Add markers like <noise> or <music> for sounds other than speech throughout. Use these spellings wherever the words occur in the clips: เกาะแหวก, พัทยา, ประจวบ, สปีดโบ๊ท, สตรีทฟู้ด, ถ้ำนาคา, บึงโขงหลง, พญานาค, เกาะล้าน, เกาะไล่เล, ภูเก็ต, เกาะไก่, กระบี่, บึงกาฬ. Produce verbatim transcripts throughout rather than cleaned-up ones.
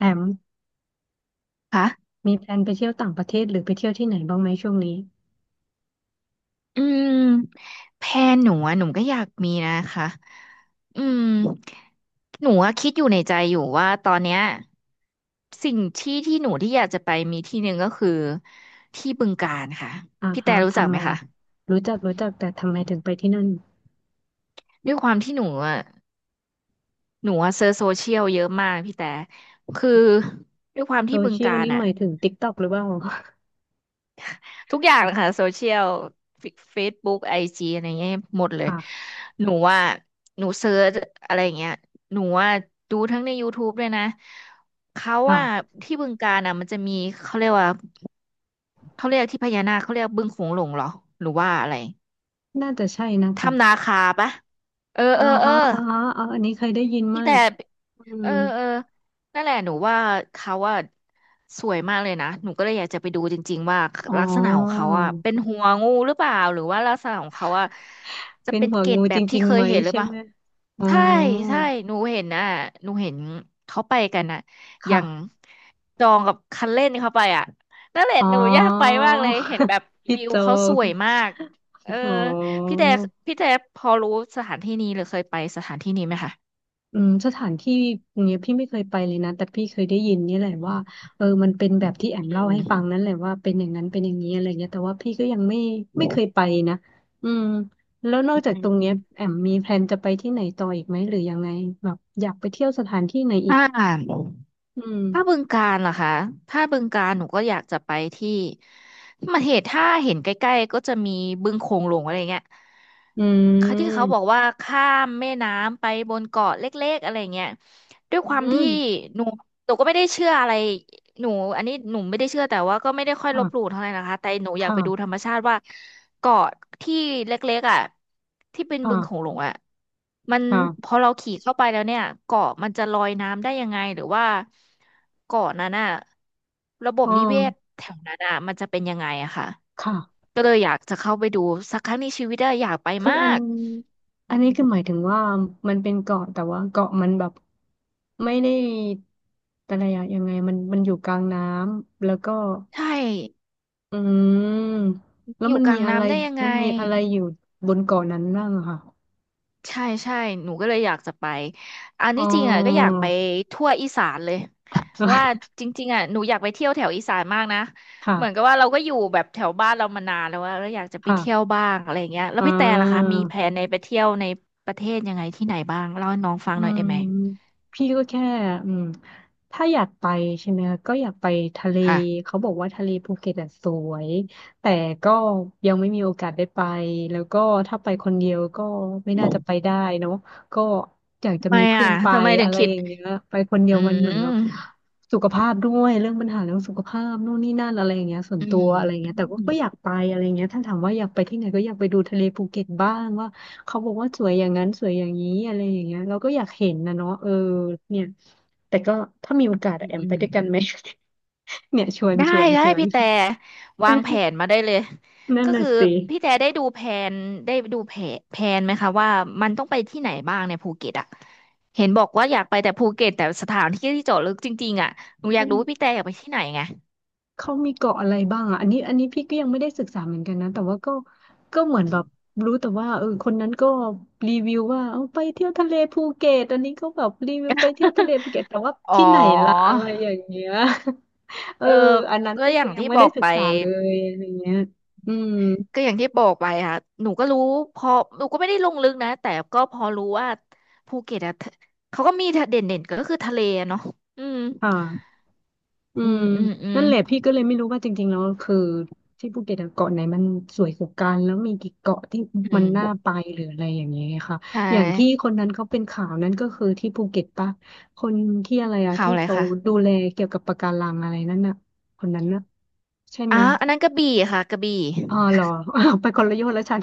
แอมคะมีแพลนไปเที่ยวต่างประเทศหรือไปเที่ยวที่ไหนบ้างไหมช่วงนี้อืมแพลนหนูอะหนูก็อยากมีนะคะอืมหนูอะคิดอยู่ในใจอยู่ว่าตอนเนี้ยสิ่งที่ที่หนูที่อยากจะไปมีที่หนึ่งก็คือที่บึงกาฬค่ะ อ่าพี่แต่ฮะรู้จักทำไหมไมคะ รู้จักรู้จักแต่ทำไมถึงไปที่นั่นด้วยความที่หนูอะหนูอะเซิร์ชโซเชียลเยอะมากพี่แต่คือด้วยความโซที่บึงเชียกาลฬนี่หอะ มายถึง ติ๊กต็อก หรือเปล่า ทุกอย่างเลยค่ะโซเชียลเฟซบุ๊กไอจีอะไรเงี้ยหมดเล <laughs> ยค่ะหนูว่าหนูเซิร์ชอะไรเงี้ยหนูว่าดูทั้งใน ยูทูบ ด้วยนะเขาว่าค่ะที่บึงกาฬอ่ะมันจะมีเขาเรียกว่าเขาเรียกที่พญานาคเขาเรียกบึงโขงหลงเหรอหรือว่าอะไรน่าจะใช่นะถ้ำนาคะคาปะเอออ่าเออเออ ฮะอ่าฮะอาอันนี้เคยได้ยินพี่มาแต่กอืเอมอเออนั่นแหละหนูว่าเขาว่าสวยมากเลยนะหนูก็เลยอยากจะไปดูจริงๆว่าอ๋อลักษณะของเขาอะเป็นหัวงูหรือเปล่าหรือว่าลักษณะของเขาอะจะเป็นเป็นหัวเกล็ดงูแบจบที่ริงเคๆยไหมเห็นหรือใช่เปล่าไหมอ๋อใช่ใช่หนูเห็นนะหนูเห็นเขาไปกันนะอย่างค่ะจองกับคันเล่นเขาไปอ่ะนั่นแหละอ๋อ หนูอยากไปมากเลยเห็นแบ <laughs> บพี่วิวโจเขาสงวยมากเอออ๋อ พี่แต่พี่แต่พอรู้สถานที่นี้หรือเคยไปสถานที่นี้ไหมคะ อืมสถานที่อย่างเงี้ยพี่ไม่เคยไปเลยนะแต่พี่เคยได้ยินเนี่ยแหละว่าเออมันเป็นแบบที่แอมอืเล่าให้ฟังนั่นมแหละว่าเป็นอย่างนั้นเป็นอย่างนี้อะไรเงี้ยแต่ว่าพี่ก็ยังไม่ไม่เคยไปนะอืมแล้วนอกอืจากตมรงเนี้ยแอมมีแพลนจะไปที่ไหนต่ออีกไหมหรือยังไงแบบอยากไปเที่ยวสถานที่ไหนอีกถ้าอืถ้าบึมงกาฬเหรอคะถ้าบึงกาฬหนูก็อยากจะไปที่มาเหตุถ้าเห็นใกล้ๆก็จะมีบึงโขงหลงอะไรเงี้ยอืเขาที่เขาบมอกว่าข้ามแม่น้ำไปบนเกาะเล็กๆอะไรเงี้ยด้วยอืความที่มหนูหนูก็ไม่ได้เชื่ออะไร หนูอันนี้หนูไม่ได้เชื่อแต่ว่าก็ไม่ได้ค่อยลค่ะบหลู่เท่าไหร่นะคะแต่หนูอยากค่ะไปดูธรรมชาติว่าเกาะที่เล็กๆอ่ะที่เป็นบึงโขงค่ะหลงอ่ะมันค่ะพอเราขี่เข้าไปแล้วเนี่ยเกาะมันจะลอยน้ำได้ยังไงหรือว่าเกาะนั้นอ่ะระบอ๋บอนิเวศแถวนั้นอ่ะมันจะเป็นยังไงอะค่ะค่ะ ก็เลยอยากจะเข้าไปดูสักครั้งในชีวิตอะอยากไปคือมาอันกอันนี้คือหมายถึงว่ามันเป็นเกาะแต่ว่าเกาะมันแบบไม่ได้อะไรอะยังไงมันมันอยู่กลางน้ำแล้วก็ใช่อืมแล้อวยู่มันกมีลางอะไรน้ำได้ยังไง มันมีอะไรอยู่บนเกาะนั้นบ้างอะค่ะใช่ใช่หนูก็เลยอยากจะไปอันอ๋อ ที่จริงอ่ะก็อยากไปทั่วอีสานเลยเพราะว่า <laughs> จริงๆอ่ะหนูอยากไปเที่ยวแถวอีสานมากนะเหมือนกับค่ะว่าเราก็อยู่แบบแถวบ้านเรามานานแล้วว่าเราอยากจะไปเที่ยวค่ะบ้างอะไรอย่างเงี้ยแล้อ่วพี่แต่ล่ะคะมีแผา นในไปเที่ยวในประเทศยังไงที่ไหนบ้างเล่าให้น้องฟังอืหน่อยได้มไหมพี่ก็แค่อืมถ้าอยากไปใช่ไหมคะก็อยากไปทะเลค่ะเขาบอกว่าทะเลภูเก็ตอะสวยแต่ก็ยังไม่มีโอกาสได้ไปแล้วก็ถ้าไปคนเดียวก็ไม่น่าจะไปได้เนาะก็อยากจะทำไมมีเพื่อ่ะอนไปทำไมถึอะงไรคิอดย่างเงี้ยไปคนเดีอืยวมันเหมือมนแบบสุขภาพด้วยเรื่องปัญหาเรื่องสุขภาพนู่นนี่นั่นอะไรอย่างเงี้ยส่วนอืตัวอะไรอย่างเงี้ยมแต่ก็ก็อยากไปอะไรอย่างเงี้ยถ้าถามว่าอยากไปที่ไหนก็อยากไปดูทะเลภูเก็ตบ้างว่า เขาบอกว่าสวยอย่างนั้นสวยอย่างนี้อะไรอย่างเงี้ยเราก็อยากเห็นนะเนาะเออเนี่ยแต่ก็ถ้ามีโอกาสอือะมแอมอืไปม ด้วยกันไหม <laughs> เนี่ยชวนได้ชวนได้ชวน พี่แต่วางแผนมาได้เลย <laughs> นั่นก็น่ะคือสิพี่แต่ได้ดูแผนได้ดูแผนแผนไหมคะว่ามันต้องไปที่ไหนบ้างในภูเก็ตอ่ะเห็นบอกว่าอยากไปแต่ภูเก็ตแต่สถานที่ที่เจาะลึกจริงๆอ่ะหนูอเขายากรู้ว่าพี่แต่อยากไปที่ไหนไง เขามีเกาะอะไรบ้างอ่ะอันนี้อันนี้พี่ก็ยังไม่ได้ศึกษาเหมือนกันนะแต่ว่าก็ก็เหมือนแบบรู้แต่ว่าเออคนนั้นก็รีวิวว่าเอาไปเที่ยวทะเลภูเก็ตอันนี้ก็แบบรีวิวไปเที่ยวทะเลภูเก็ตแต่ว่า <laughs> อ๋ที่อไหนล่ะอะไรอย่างเงี้ย <laughs> เออเอออันนั้นก็ก็อคืย่าองยังที่ไม่บอได้กศึไปกษาเลยอะไรเงี้ยอืม ก็อย่างที่บอกไปค่ะหนูก็รู้พอหนูก็ไม่ได้ลงลึกนะแต่ก็พอรู้ว่าภูเก็ตอะทะเขาก็มีเด่นๆก็คือทะเลอะเนาะอืมค่ะอือืม มอืมอืม นั่นแหละพี่ก็เลยไม่รู้ว่าจริงๆแล้วคือที่ภูเก็ตอะเกาะไหนมันสวยกว่ากันแล้วมีกี่เกาะที่อืมันมน่าไปหรืออะไรอย่างเงี้ยค่ะใช่อย่างที่คนนั้นเขาเป็นข่าวนั้นก็คือที่ภูเก็ตปะคนที่อะไรอะข่าวที่อะไรเขาคะดูแลเกี่ยวกับปะการังอะไรนั่นน่ะคนนั้นน่ะใช่อ๋อไหมอันนั้นกระบี่ค่ะกระบี่ อ๋อเหรออ้าวไปคนละโยชน์แล้วฉัน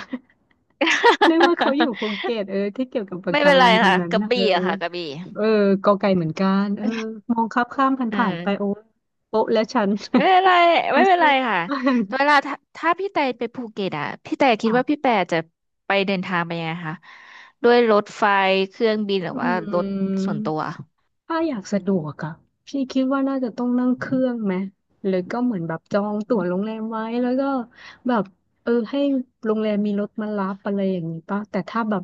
นึกว่าเขาอยู่ <laughs> ภูเก็ตเออที่เกี่ยวกับปะไม่กาเป็นรัไรงคนค่ะนั้นกระนะเอบี่ออะค่ะกระบี่เออกอไก่เหมือนกันเออมองข้ามข้ามผ่านอืผ่านไปมโอ้โป๊ะและฉัน ไม่เป็นไร <laughs> ไม่มาเป็นสู้ไรค่ะมากเวลาถ้าถ้าพี่แต่ไปภูเก็ตอะพี่แต่คิดค่ะว่าพี่แต่จะไปเดินทางไปยังไงคะด้วยรถไฟเครื่องบินหรืออืว่ารถม ส่วนตัวถ้าอยากสะดวกอะพี่คิดว่าน่าจะต้องนั่งเครื่องไหมหรือก็เหมือนแบบจองอืตั๋วโรงมแรมไว้แล้วก็แบบเออให้โรงแรมมีรถมารับอะไรอย่างนี้ป่ะแต่ถ้าแบบ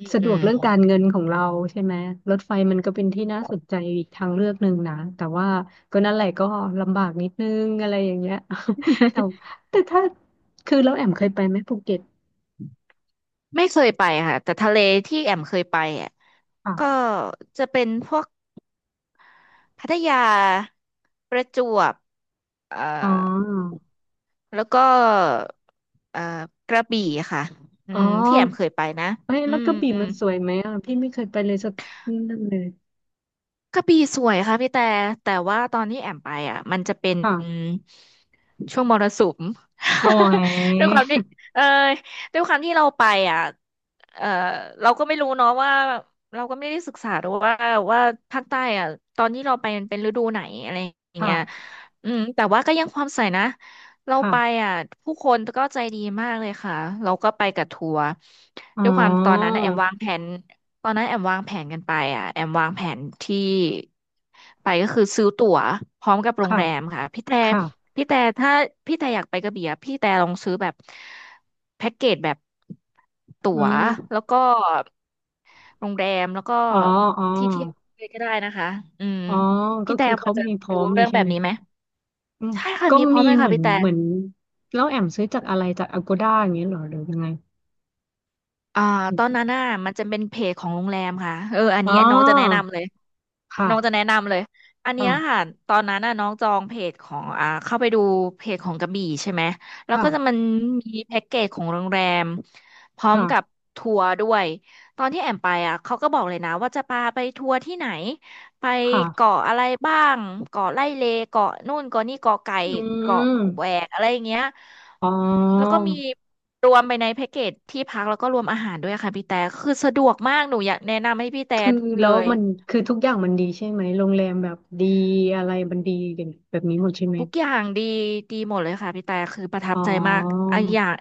อืมสะดอืวกม เรื่องการเงินของเราใช่ไหมรถไฟมันก็เป็นที่น่าสนใจอีกทางเลือกหนึ่งนะแต่ว่าก็นั่นแหละก็ลำบากนิดนึงอะไรอย่างเงี้ย <laughs> แต่ <laughs> แต่ถ้าคือเราแอมเคยไปไหมภูเก็ตไม่เคยไปค่ะแต่ทะเลที่แอมเคยไปอะก็ค่ะจะเป็นพวก พัทยาประจวบเอ่อ๋ออแล้วก็เอ่อกระบี่ค่ะอือ๋อมที่แอมเคยไปนะเอ้ยอืแล้วกม ระบี่มันสวยไหมอ่ะพี่ไม่เคยไปเลยสักนั่นเลย กระบี่สวยค่ะพี่แต่แต่ว่าตอนที่แอมไปอ่ะมันจะเป็นค่ะช่วงมรสุม โอ้ <laughs> ด้วยความยที่เออด้วยความที่เราไปอ่ะเออเราก็ไม่รู้เนาะว่าเราก็ไม่ได้ศึกษาดูว่าว่าภาคใต้อ่ะตอนที่เราไปมันเป็นฤดูไหนอะไรอย่างเงี้ยค่ะอืมแต่ว่าก็ยังความใส่นะเราไปค่ะอ่ะผู้คนก็ใจดีมากเลยค่ะเราก็ไปกับทัวร์อ๋อด้วยความตอนนั้นนะแอมวางแผน ตอนนั้นแอมวางแผนกันไปอ่ะแอมวางแผนที่ไปก็คือซื้อตั๋วพร้อมกับโรงค่ะแรมค่ะพี่แต่ค่ะพี่แต่ถ้าพี่แต่อยากไปกระบี่อะพี่แต่ลองซื้อแบบแพ็กเกจแบบอืตั๋วมแล้วก็โรงแรมแล้วก็อ๋ออ๋อที่เที่ยวเลยก็ได้นะคะอืมอ๋อก็พี่แต่คือพเขาอจะมีพร้อรู้มเลยเรื่องใช่แบบไหมนี้ไหมอืมใช่ค่ะก็มีพร้อมีมเลยเหค่ะมือนพี่แต่ เหมือนแล้วแอมซื้อจากอะไรจาก อโกด้า อย่างเงี้ยเหรอหรือยังไงอ่าอตมอนนั้นน่ะมันจะเป็นเพจของโรงแรมค่ะเอออันอ๋นี้น้องจะแนะอนำเลยน้องจะแนะค่ะนำเลยอันเนี้ยค่ะค่ะตอนนั้นน่ะน้องจองเพจของอ่าเข้าไปดูเพจของกระบี่ใช่ไหมแล้วก็จะค่ะมันมีแพ็กเกจของโรงแรมพร้อมกับค่ะทัวร์ด้วยตอนที่แอมไปอ่ะเขาก็บอกเลยนะว่าจะพาไปทัวร์ที่ไหน ไปค่ะเกาะอะไรบ้างเกาะไล่เลเกาะนู่นเกาะนี่เกาะไก่อืเกาะมแหวกอะไรอย่างเงี้ยอ๋อแล้วก็มีรวมไปในแพ็กเกจที่พักแล้วก็รวมอาหารด้วยค่ะพี่แต่คือสะดวกมากหนูอยากแนะนำให้พี่แต่คือเลแล้วย มันคือทุกอย่างมันดีใช่ไหมโรงแรมแบบดีอะไรมันดีอย่างแบบนี้หมดใช่ไหม ทุกอย่างดีดีหมดเลยค่ะพี่แต่คือประทัอ๋บใจมากออันอย่าง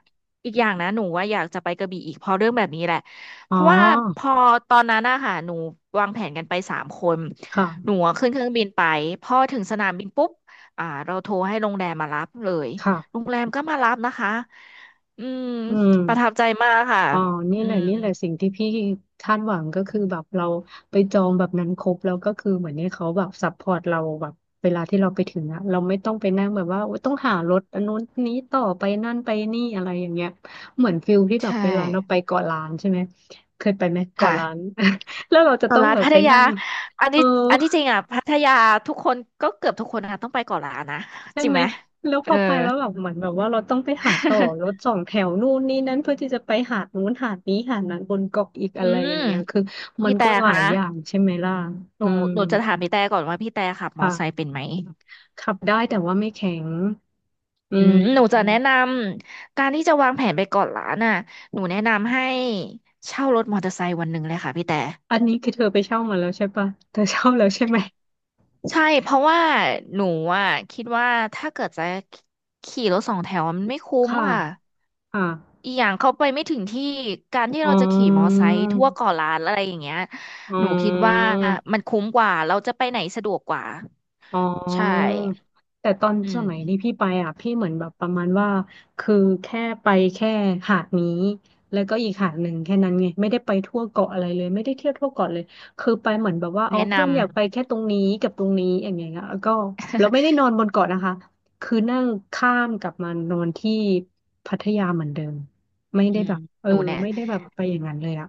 อีกอย่างนะหนูว่าอยากจะไปกระบี่อีกเพราะเรื่องแบบนี้แหละอ๋เพอ ราะว่าพอตอนนั้นอะค่ะหนูวางแผนกันไปสามคนหนูค่ะอะขึ้นเครื่องบินไปพอถึงสนามบินปุ๊บอ่าเราโทรให้โรงแรมมารับเลยโรค่ะงแรมก็มารับนะคะอืมอืประทัมบใจมากค่ะอ๋อนี่อืแหละมนี่แหละสิ่งที่พี่คาดหวังก็คือแบบเราไปจองแบบนั้นครบแล้วก็คือเหมือนให้เขาแบบซัพพอร์ตเราแบบเวลาที่เราไปถึงอะเราไม่ต้องไปนั่งแบบว่าโอ๊ยต้องหารถอันนู้นนี้ต่อไปนั่นไปนี่อะไรอย่างเงี้ยเหมือนฟิลที่ใชแบบเว่ลาเราไปเกาะล้านใช่ไหมเคยไปไหมเกาะล้าน ค่ะ <laughs> แล้วเราจะต้เกาะองล้านแบบพัไปทยานั่งอันเออ นี้อันที่จริงอ่ะพัทยาทุกคนก็เกือบทุกคนอ่ะต้องไปเกาะล้านนะจริงไหมแล้วพเออ อไปแล้วแบบเหมือนแบบว่าเราต้องไปหาต่อรถ <laughs> สองแถวนู่นนี่นั่นเพื่อที่จะไปหาดนู้นหาดนี้หาดนั้นบนเกาะอีกอือะไรมอย่างเงี้ยคือมัพี่นแต่ก็หลาคะยอย่างใช่ไหมล่ะหนูอืมหนูจะถามพี่แต่ก่อนว่าพี่แต่ขับมอไซค์ค่ะเป็นไหมขับได้แต่ว่าไม่แข็งอือืมหนูจะแนะมนำการที่จะวางแผนไปเกาะล้านน่ะหนูแนะนำให้เช่ารถมอเตอร์ไซค์วันหนึ่งเลยค่ะพี่แต่อันนี้คือเธอไปเช่ามาแล้วใช่ปะเธอเช่าแล้วใช่ไหมใช่เพราะว่าหนูอ่ะคิดว่าถ้าเกิดจะขี่รถสองแถวมันไม่คุ้มค่ะค่ะ ค่ะอีกอย่างเขาไปไม่ถึงที่การที่อ๋อเราจะขี่มอไซค์ทั่วเกาะล้านอะไรอย่างเงี้ยอ๋หนูคิดว่าอ มันคุ้มกว่าเราจะไปไหนสะดวกกว่าอ๋ใช่อแต่ตอนอืสมมัยที่พี่ไปอ่ะพี่เหมือนแบบประมาณว่าคือแค่ไปแค่หาดนี้แล้วก็อีกหาดหนึ่งแค่นั้นไงไม่ได้ไปทั่วเกาะอะไรเลยไม่ได้เที่ยวทั่วเกาะเลยคือไปเหมือนแบบว่าอ๋อแนะนเพื่อนอยากไปแค่ตรงนี้กับตรงนี้อย่างเงี้ยแล้วก็เราไม่ได้นอนบนเกาะนะคะคือนั่งข้ามกลับมานอนที่พัทยาเหมือนเดิมไม่ำอืได้มแบบเอหอนูเนี่ยไม่ได้แบบไปอย่างนั้นเลยอ่ะ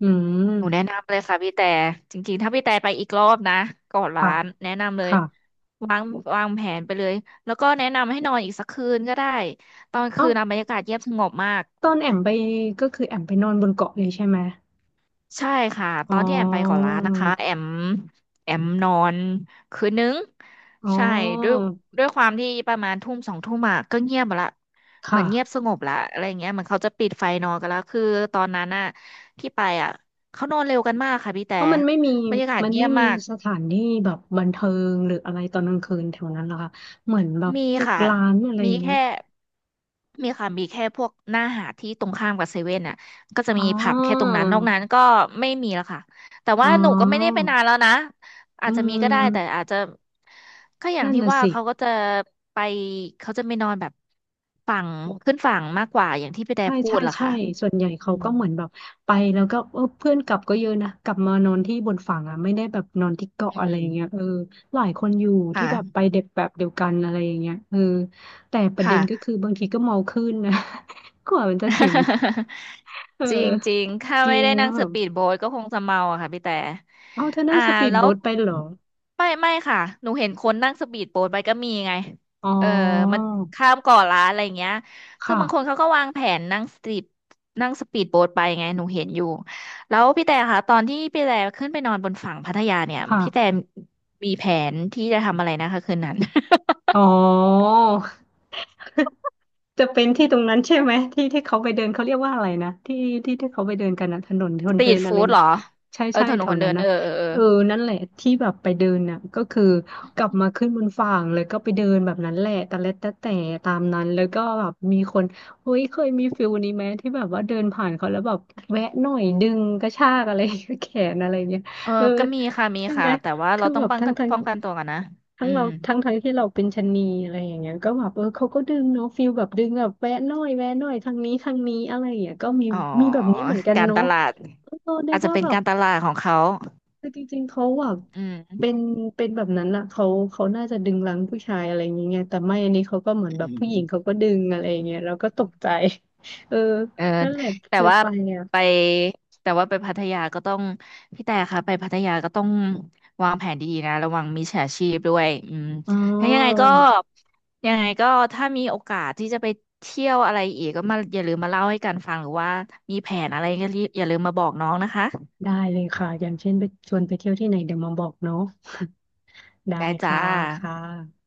อืมหนูแนะนำเลยค่ะพี่แต่จริงๆถ้าพี่แต่ไปอีกรอบนะเกาะล้าค่ะนแนะนำเลยค่ะวางวางแผนไปเลยแล้วก็แนะนำให้นอนอีกสักคืนก็ได้ตอนเอ้าคืนนะบรรยากาศเงียบสงบมาก ตอนแอมไปก็คือแอมไปนอนบนเกาะเลยใช่ไหม ใช่ค่ะตอ๋ออ นที่แอมไปเกาะล้านนะคะแอมแอมนอนคืนหนึ่งอ๋อ ใช่ด้วยด้วยความที่ประมาณทุ่มสองทุ่มอะก็เงียบหมดละเหมืค่ะอนเงียบสงบละอะไรเงี้ยเหมือนเขาจะปิดไฟนอนกันแล้วคือตอนนั้นอะที่ไปอะเขานอนเร็วกันมากค่ะพี่แต่เพราะมันไม่มี บรรยากาศมันเงีไม่ยบมีมาก สถานที่แบบบันเทิงหรืออะไรตอนกลางคืนแถวนั้นเหรอคะเหมือนแบบมีพวกค่ะร้านอะไรอมีย่างเงี้ยแค่มีค่ะมีแค่พวกหน้าหาดที่ตรงข้ามกับเซเว่นอ่ะก็จะอ๋อ มีผับแค่ตรงนั้นนอกนั้นก็ไม่มีแล้วค่ะ แต่อ๋ว่าหนูก็ไม่ได้ไปอนานแล้วนะ อาอืจจะมีก็ได้ แต่มอาจจะ ก็อย่างนั่นที่น่ะว่าสิ เขาก็จะไปเขาจะไม่นอนแบบฝั่งขึ้นฝั่งมากกว่าอย่างที่พี่แต่ใช่พูใช่ดล่ะใช่ค่ะส่วนใหญ่อืเขามก็เหมือนแบบไปแล้วก็เออเพื่อนกลับก็เยอะนะกลับมานอนที่บนฝั่งอ่ะไม่ได้แบบนอนที่เกาะอือะไรอย่างเงี้ยมเออหลายคนอยู่ที่แบบไปค่ะเด็กแบบเดียวกันอะไรอย่างเงี้ยเออแต่ประเด็ค่ะ นก็คือบางทีก็เมาขึ้นนะ <laughs> กว่ามันจะถึง <laughs> เออจริงจริงถ้าจไม่ริงได้นั่ก็งแบสบปีดโบ๊ทก็คงจะเมาอะค่ะพี่แต่เอาเธอนั่อ่างสปีดแล้วโบ๊ทไปเหรอไม่ไม่ค่ะหนูเห็นคนนั่งสปีดโบ๊ทไปก็มีไงอ๋อเออมันข้ามเกาะล้านอะไรอย่างเงี้ยคือค่ะบางคนเขาก็วางแผนนั่งสปีดนั่งสปีดโบ๊ทไปไงหนูเห็นอยู่แล้วพี่แต่ค่ะตอนที่พี่แต่ขึ้นไปนอนบนฝั่งพัทยาเนี่ยพี่แต่ค่ะมีแผนที่จะทำอะไรนะคะคืนนั้น อ๋อ จะเป็นที่ตรงนั้นใช่ไหมที่ที่เขาไปเดินเขาเรียกว่าอะไรนะที่ที่ที่เขาไปเดินกันนะถนนค <laughs> สนตรีเดิทนอะไรฟู้ด <laughs> เหนะรอใช่เออใช่ถนแถนควนเดินั้นนนะเออเออเออ เออนั่นแหละที่แบบไปเดินน่ะก็คือกลับมาขึ้นบนฝั่งเลยก็ไปเดินแบบนั้นแหละแตะเล็ดตะแต่ตามนั้นแล้วก็แบบมีคนเฮ้ยเคยมีฟิลนี้ไหมที่แบบว่าเดินผ่านเขาแล้วแบบแวะหน่อยดึงกระชากอะไร <laughs> แขนอะไรเงี้ยเออ เออก็มีค่ะ มีใช่ไหค่ะ ม แต่ว่าเราคือต้อแบงบป้องทั้งกันทั้งป้องกันตัวกันนะทั้อืงเรามทั้งทั้งที่เราเป็นชะนีอะไรอย่างเงี้ยก็แบบเออเขาก็ดึงเนาะฟิลแบบดึงแบบแวะหน่อยแวะหน่อยทางนี้ทางนี้อะไรอย่างเงี้ยก็มีอ๋อมีแบบนี้เหมือนกันการตเนาะลาดเออนึอากจจะว่าเป็นแบบการตลาดของเขาคือจริงๆเขาแบบอืเป็มนเป็นแบบนั้นอะเขาเขาน่าจะดึงรั้งผู้ชายอะไรอย่างเงี้ยแต่ไม่อันนี้เขาก็เหมือนแบอืบมผู้หญิงเขาก็ดึงอะไรอย่าอืงมเงี้ยเราก็ตกใจ <laughs> เออเออ นั่นแหละแต่เคยว่าไปอ่ะไปแต่ว่าไปพัทยาก็ต้องพี่แต่ค่ะไปพัทยาก็ต้องวางแผนดีๆนะระวังมิจฉาชีพด้วยอืมอ๋อถ้ายังไงก็ยังไงก็ถ้ามีโอกาสที่จะไปเที่ยวอะไรอีกก็มาอย่าลืมมาเล่าให้กันฟังหรือว่ามีแผนอะไรก็รีบอย่าลืมมาบอกน้องนะคะ ได้เลยค่ะอย่างเช่นไปชวนไปเที่ยวที่ไหนเดี๋ยวมาบอกเนาะ ได้ได้จ้าค่ะค่ะ